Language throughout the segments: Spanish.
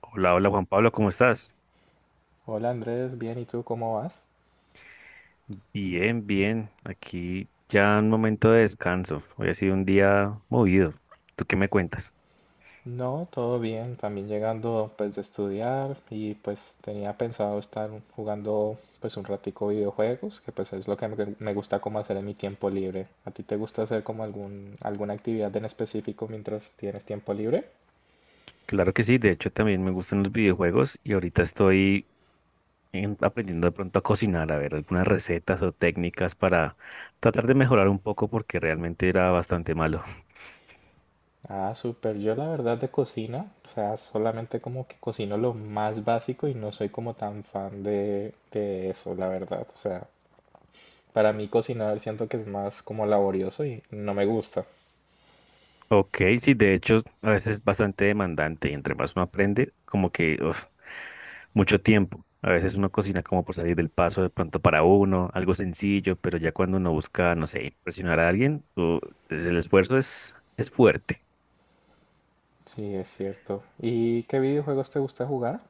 Hola, hola Juan Pablo, ¿cómo estás? Hola Andrés, bien, ¿y tú cómo vas? Bien, bien. Aquí ya un momento de descanso. Hoy ha sido un día movido. ¿Tú qué me cuentas? No, todo bien, también llegando pues de estudiar y pues tenía pensado estar jugando pues un ratico videojuegos, que pues es lo que me gusta como hacer en mi tiempo libre. ¿A ti te gusta hacer como alguna actividad en específico mientras tienes tiempo libre? Claro que sí, de hecho también me gustan los videojuegos y ahorita estoy aprendiendo de pronto a cocinar, a ver algunas recetas o técnicas para tratar de mejorar un poco porque realmente era bastante malo. Ah, súper. Yo la verdad de cocina, o sea, solamente como que cocino lo más básico y no soy como tan fan de eso, la verdad. O sea, para mí cocinar siento que es más como laborioso y no me gusta. Ok, sí, de hecho, a veces es bastante demandante y entre más uno aprende, como que uf, mucho tiempo. A veces uno cocina como por salir del paso de pronto para uno, algo sencillo, pero ya cuando uno busca, no sé, impresionar a alguien, el esfuerzo es fuerte. Sí, es cierto. ¿Y qué videojuegos te gusta jugar?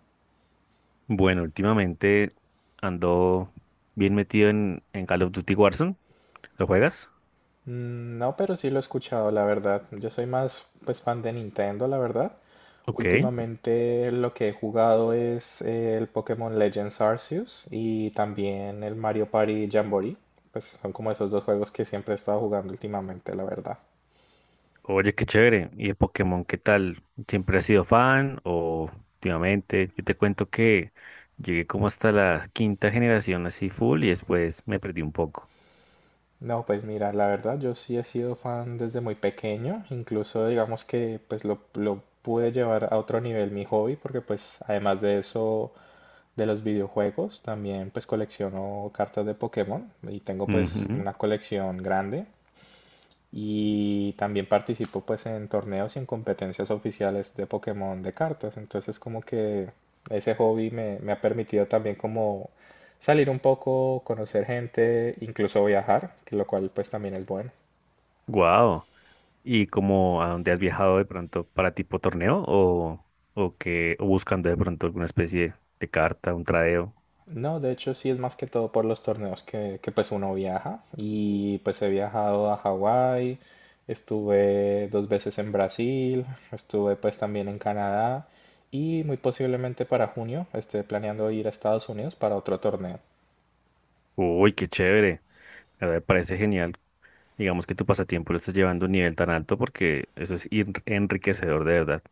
Bueno, últimamente ando bien metido en Call of Duty Warzone. ¿Lo juegas? Mm, no, pero sí lo he escuchado, la verdad. Yo soy más pues fan de Nintendo, la verdad. Ok. Últimamente lo que he jugado es el Pokémon Legends Arceus y también el Mario Party Jamboree. Pues son como esos dos juegos que siempre he estado jugando últimamente, la verdad. Oye, qué chévere. ¿Y el Pokémon qué tal? ¿Siempre has sido fan o últimamente? Yo te cuento que llegué como hasta la quinta generación así full y después me perdí un poco. No, pues mira, la verdad yo sí he sido fan desde muy pequeño, incluso digamos que pues lo pude llevar a otro nivel mi hobby, porque pues además de eso, de los videojuegos también pues colecciono cartas de Pokémon y tengo pues una colección grande, y también participo pues en torneos y en competencias oficiales de Pokémon de cartas. Entonces como que ese hobby me ha permitido también como salir un poco, conocer gente, incluso viajar, que lo cual pues también es bueno. Wow. ¿Y como a dónde has viajado de pronto para tipo torneo o que o buscando de pronto alguna especie de carta, un tradeo? No, de hecho sí es más que todo por los torneos pues uno viaja y pues he viajado a Hawái, estuve dos veces en Brasil, estuve pues también en Canadá y muy posiblemente para junio esté planeando ir a Estados Unidos para otro torneo. Uy, qué chévere. La verdad me parece genial. Digamos que tu pasatiempo lo estás llevando a un nivel tan alto porque eso es enriquecedor de verdad.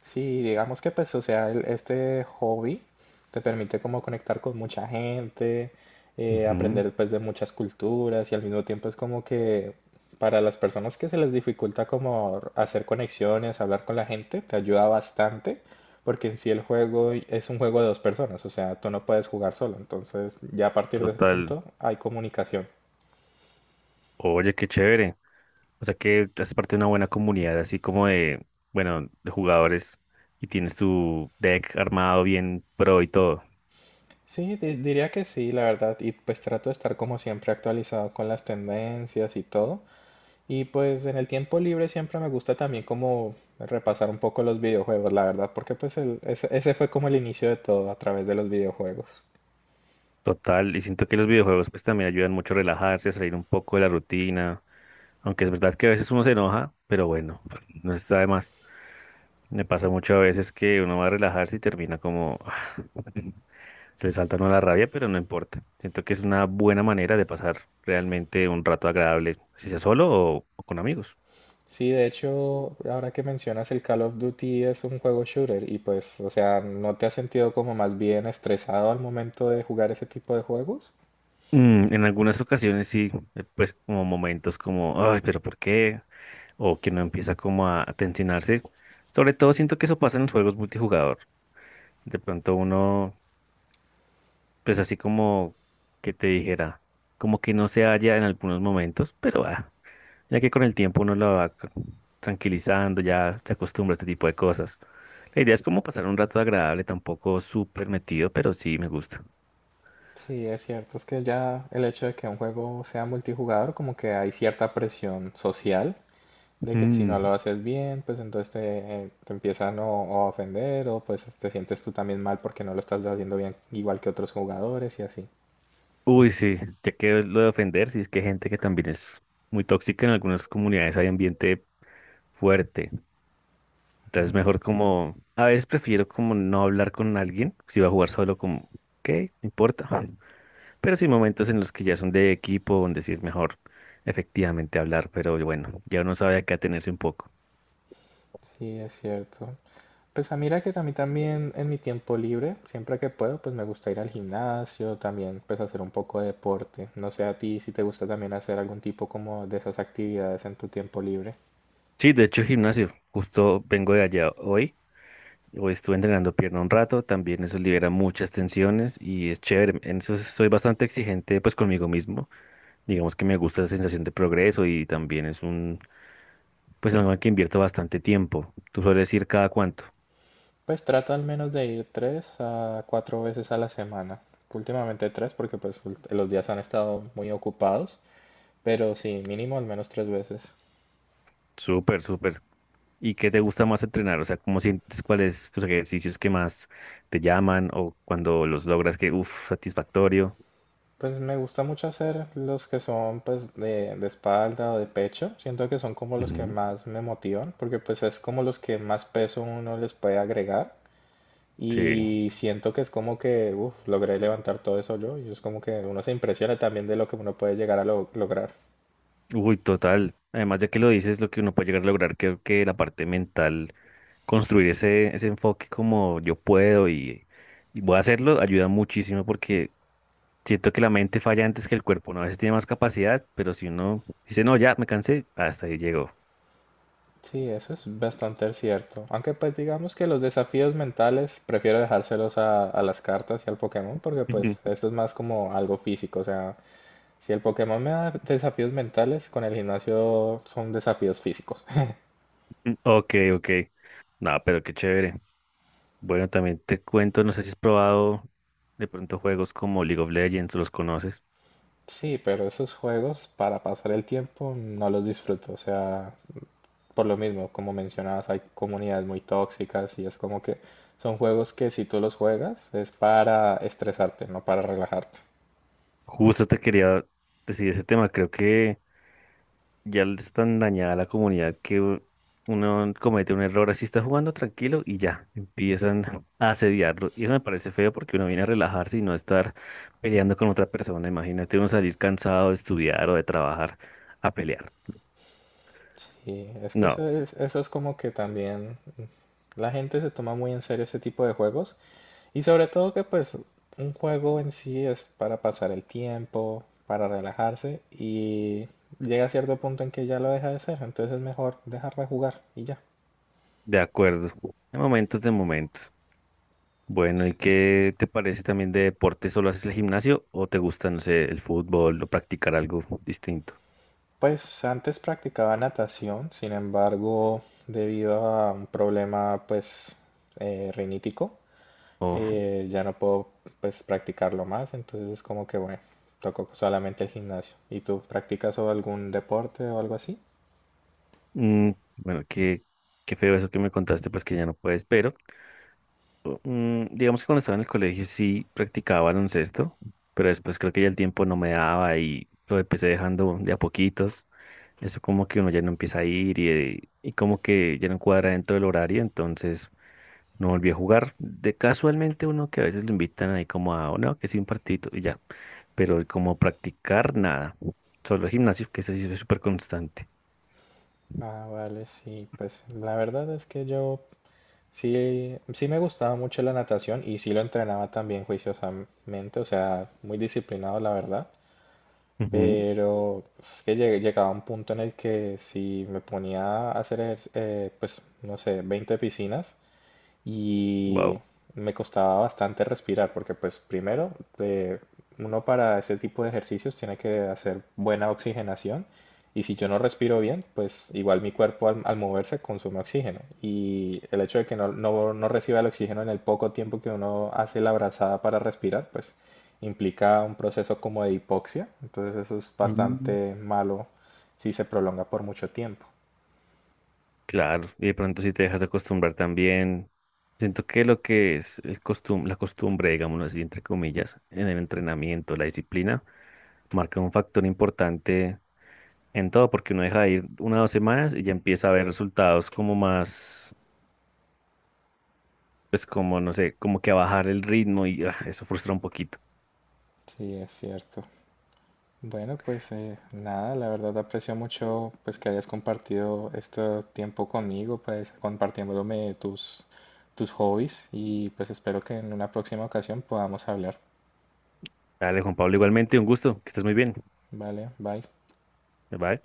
Sí, digamos que pues, o sea, este hobby te permite como conectar con mucha gente, Ujú. aprender pues de muchas culturas y al mismo tiempo es como que para las personas que se les dificulta como hacer conexiones, hablar con la gente, te ayuda bastante porque en sí el juego es un juego de dos personas, o sea, tú no puedes jugar solo, entonces ya a partir de ese Total. punto hay comunicación. Oye, qué chévere. O sea que haces parte de una buena comunidad, así como de, bueno, de jugadores y tienes tu deck armado bien pro y todo. Sí, diría que sí, la verdad, y pues trato de estar como siempre actualizado con las tendencias y todo. Y pues en el tiempo libre siempre me gusta también como repasar un poco los videojuegos, la verdad, porque pues ese fue como el inicio de todo a través de los videojuegos. Total, y siento que los videojuegos pues también ayudan mucho a relajarse, a salir un poco de la rutina, aunque es verdad que a veces uno se enoja, pero bueno, no está de más. Me pasa mucho a veces que uno va a relajarse y termina como se le salta a uno la rabia, pero no importa. Siento que es una buena manera de pasar realmente un rato agradable, si sea solo o con amigos. Sí, de hecho, ahora que mencionas el Call of Duty es un juego shooter y pues, o sea, ¿no te has sentido como más bien estresado al momento de jugar ese tipo de juegos? Mm, en algunas ocasiones sí, pues como momentos como, ay, pero ¿por qué? O que uno empieza como a tensionarse. Sobre todo siento que eso pasa en los juegos multijugador. De pronto uno, pues así como que te dijera, como que no se halla en algunos momentos, pero ah, ya que con el tiempo uno lo va tranquilizando, ya se acostumbra a este tipo de cosas. La idea es como pasar un rato agradable, tampoco súper metido, pero sí me gusta. Sí, es cierto, es que ya el hecho de que un juego sea multijugador, como que hay cierta presión social, de que si no lo haces bien, pues entonces te empiezan o a ofender o pues te sientes tú también mal porque no lo estás haciendo bien igual que otros jugadores y así. Uy, sí, ya que lo de ofender, sí es que hay gente que también es muy tóxica en algunas comunidades, hay ambiente fuerte. Entonces, Mm, mejor como, a veces prefiero como no hablar con alguien, si va a jugar solo como, ok, no importa. Ujú. Pero sí hay momentos en los que ya son de equipo, donde sí es mejor efectivamente hablar, pero bueno, ya uno sabe a qué atenerse un poco. sí, es cierto. Pues a mira que a mí también en mi tiempo libre, siempre que puedo, pues me gusta ir al gimnasio, también pues hacer un poco de deporte. No sé a ti si te gusta también hacer algún tipo como de esas actividades en tu tiempo libre. Sí, de hecho, gimnasio, justo vengo de allá hoy. O estuve entrenando pierna un rato, también eso libera muchas tensiones y es chévere. En eso soy bastante exigente pues conmigo mismo. Digamos que me gusta la sensación de progreso y también es un, pues algo en que invierto bastante tiempo. ¿Tú sueles ir cada cuánto? Pues trato al menos de ir tres a cuatro veces a la semana. Últimamente tres porque pues los días han estado muy ocupados. Pero sí, mínimo al menos tres veces. Súper, súper. ¿Y qué te gusta más entrenar? O sea, ¿cómo sientes cuáles tus ejercicios que más te llaman o cuando los logras que, uff, satisfactorio? Pues me gusta mucho hacer los que son pues de espalda o de pecho. Siento que son como los que Ujú. más me motivan porque pues es como los que más peso uno les puede agregar. Sí, Y siento que es como que, uff, logré levantar todo eso yo. Y es como que uno se impresiona también de lo que uno puede llegar a lograr. uy, total. Además, ya que lo dices, lo que uno puede llegar a lograr, creo que la parte mental construir ese enfoque como yo puedo y voy a hacerlo, ayuda muchísimo porque siento que la mente falla antes que el cuerpo, ¿no? A veces tiene más capacidad, pero si uno dice, no, ya me cansé, hasta ahí llegó. Sí, eso es bastante cierto. Aunque pues digamos que los desafíos mentales prefiero dejárselos a las cartas y al Pokémon porque pues esto es más como algo físico. O sea, si el Pokémon me da desafíos mentales, con el gimnasio son desafíos físicos. Ok, ok. No, pero qué chévere. Bueno, también te cuento, no sé si has probado de pronto juegos como League of Legends, ¿los conoces? Sí, pero esos juegos para pasar el tiempo no los disfruto. O sea, por lo mismo, como mencionabas, hay comunidades muy tóxicas y es como que son juegos que si tú los juegas es para estresarte, no para relajarte. Justo te quería decir ese tema, creo que… Ya es tan dañada la comunidad que uno comete un error así, está jugando tranquilo y ya empiezan a asediarlo. Y eso me parece feo porque uno viene a relajarse y no estar peleando con otra persona. Imagínate uno salir cansado de estudiar o de trabajar a pelear. Sí, es que No, eso es como que también la gente se toma muy en serio ese tipo de juegos. Y sobre todo que pues un juego en sí es para pasar el tiempo, para relajarse y llega a cierto punto en que ya lo deja de ser, entonces es mejor dejar de jugar y ya. de acuerdo. De momentos, de momentos. Bueno, ¿y qué te parece también de deporte? ¿Solo haces el gimnasio o te gusta, no sé, el fútbol o practicar algo distinto? Pues antes practicaba natación, sin embargo, debido a un problema pues rinítico, O, ya no puedo pues practicarlo más, entonces es como que bueno, toco solamente el gimnasio. ¿Y tú practicas o algún deporte o algo así? mm, bueno, qué, qué feo eso que me contaste, pues que ya no puedes, pero. Mm, digamos que cuando estaba en el colegio sí practicaba baloncesto, pero después creo que ya el tiempo no me daba y lo empecé dejando de a poquitos. Eso como que uno ya no empieza a ir y como que ya no cuadra dentro del horario, entonces no volví a jugar. De casualmente uno que a veces lo invitan ahí como a, "Oh, no, que sí un partidito y ya, pero como practicar nada, solo gimnasio, que ese sí es súper constante. Ah, vale, sí, pues la verdad es que yo sí, sí me gustaba mucho la natación y sí lo entrenaba también juiciosamente, o sea, muy disciplinado la verdad, pero es que llegaba a un punto en el que si me ponía a hacer, pues, no sé, 20 piscinas, y Wow. me costaba bastante respirar porque pues primero, eh, uno para ese tipo de ejercicios tiene que hacer buena oxigenación, y si yo no respiro bien pues igual mi cuerpo al moverse consume oxígeno y el hecho de que no reciba el oxígeno en el poco tiempo que uno hace la brazada para respirar pues implica un proceso como de hipoxia, entonces eso es bastante malo si se prolonga por mucho tiempo. Claro, y de pronto si te dejas de acostumbrar también, siento que lo que es el costum la costumbre, digámoslo así, entre comillas, en el entrenamiento, la disciplina, marca un factor importante en todo, porque uno deja de ir una o dos semanas y ya empieza a ver resultados como más, pues como, no sé, como que a bajar el ritmo y ah, eso frustra un poquito. Sí, es cierto. Bueno, pues nada, la verdad aprecio mucho pues que hayas compartido este tiempo conmigo, pues compartiéndome tus hobbies y pues espero que en una próxima ocasión podamos hablar. Dale, Juan Pablo, igualmente, un gusto, que estés muy bien. Vale, bye. Bye.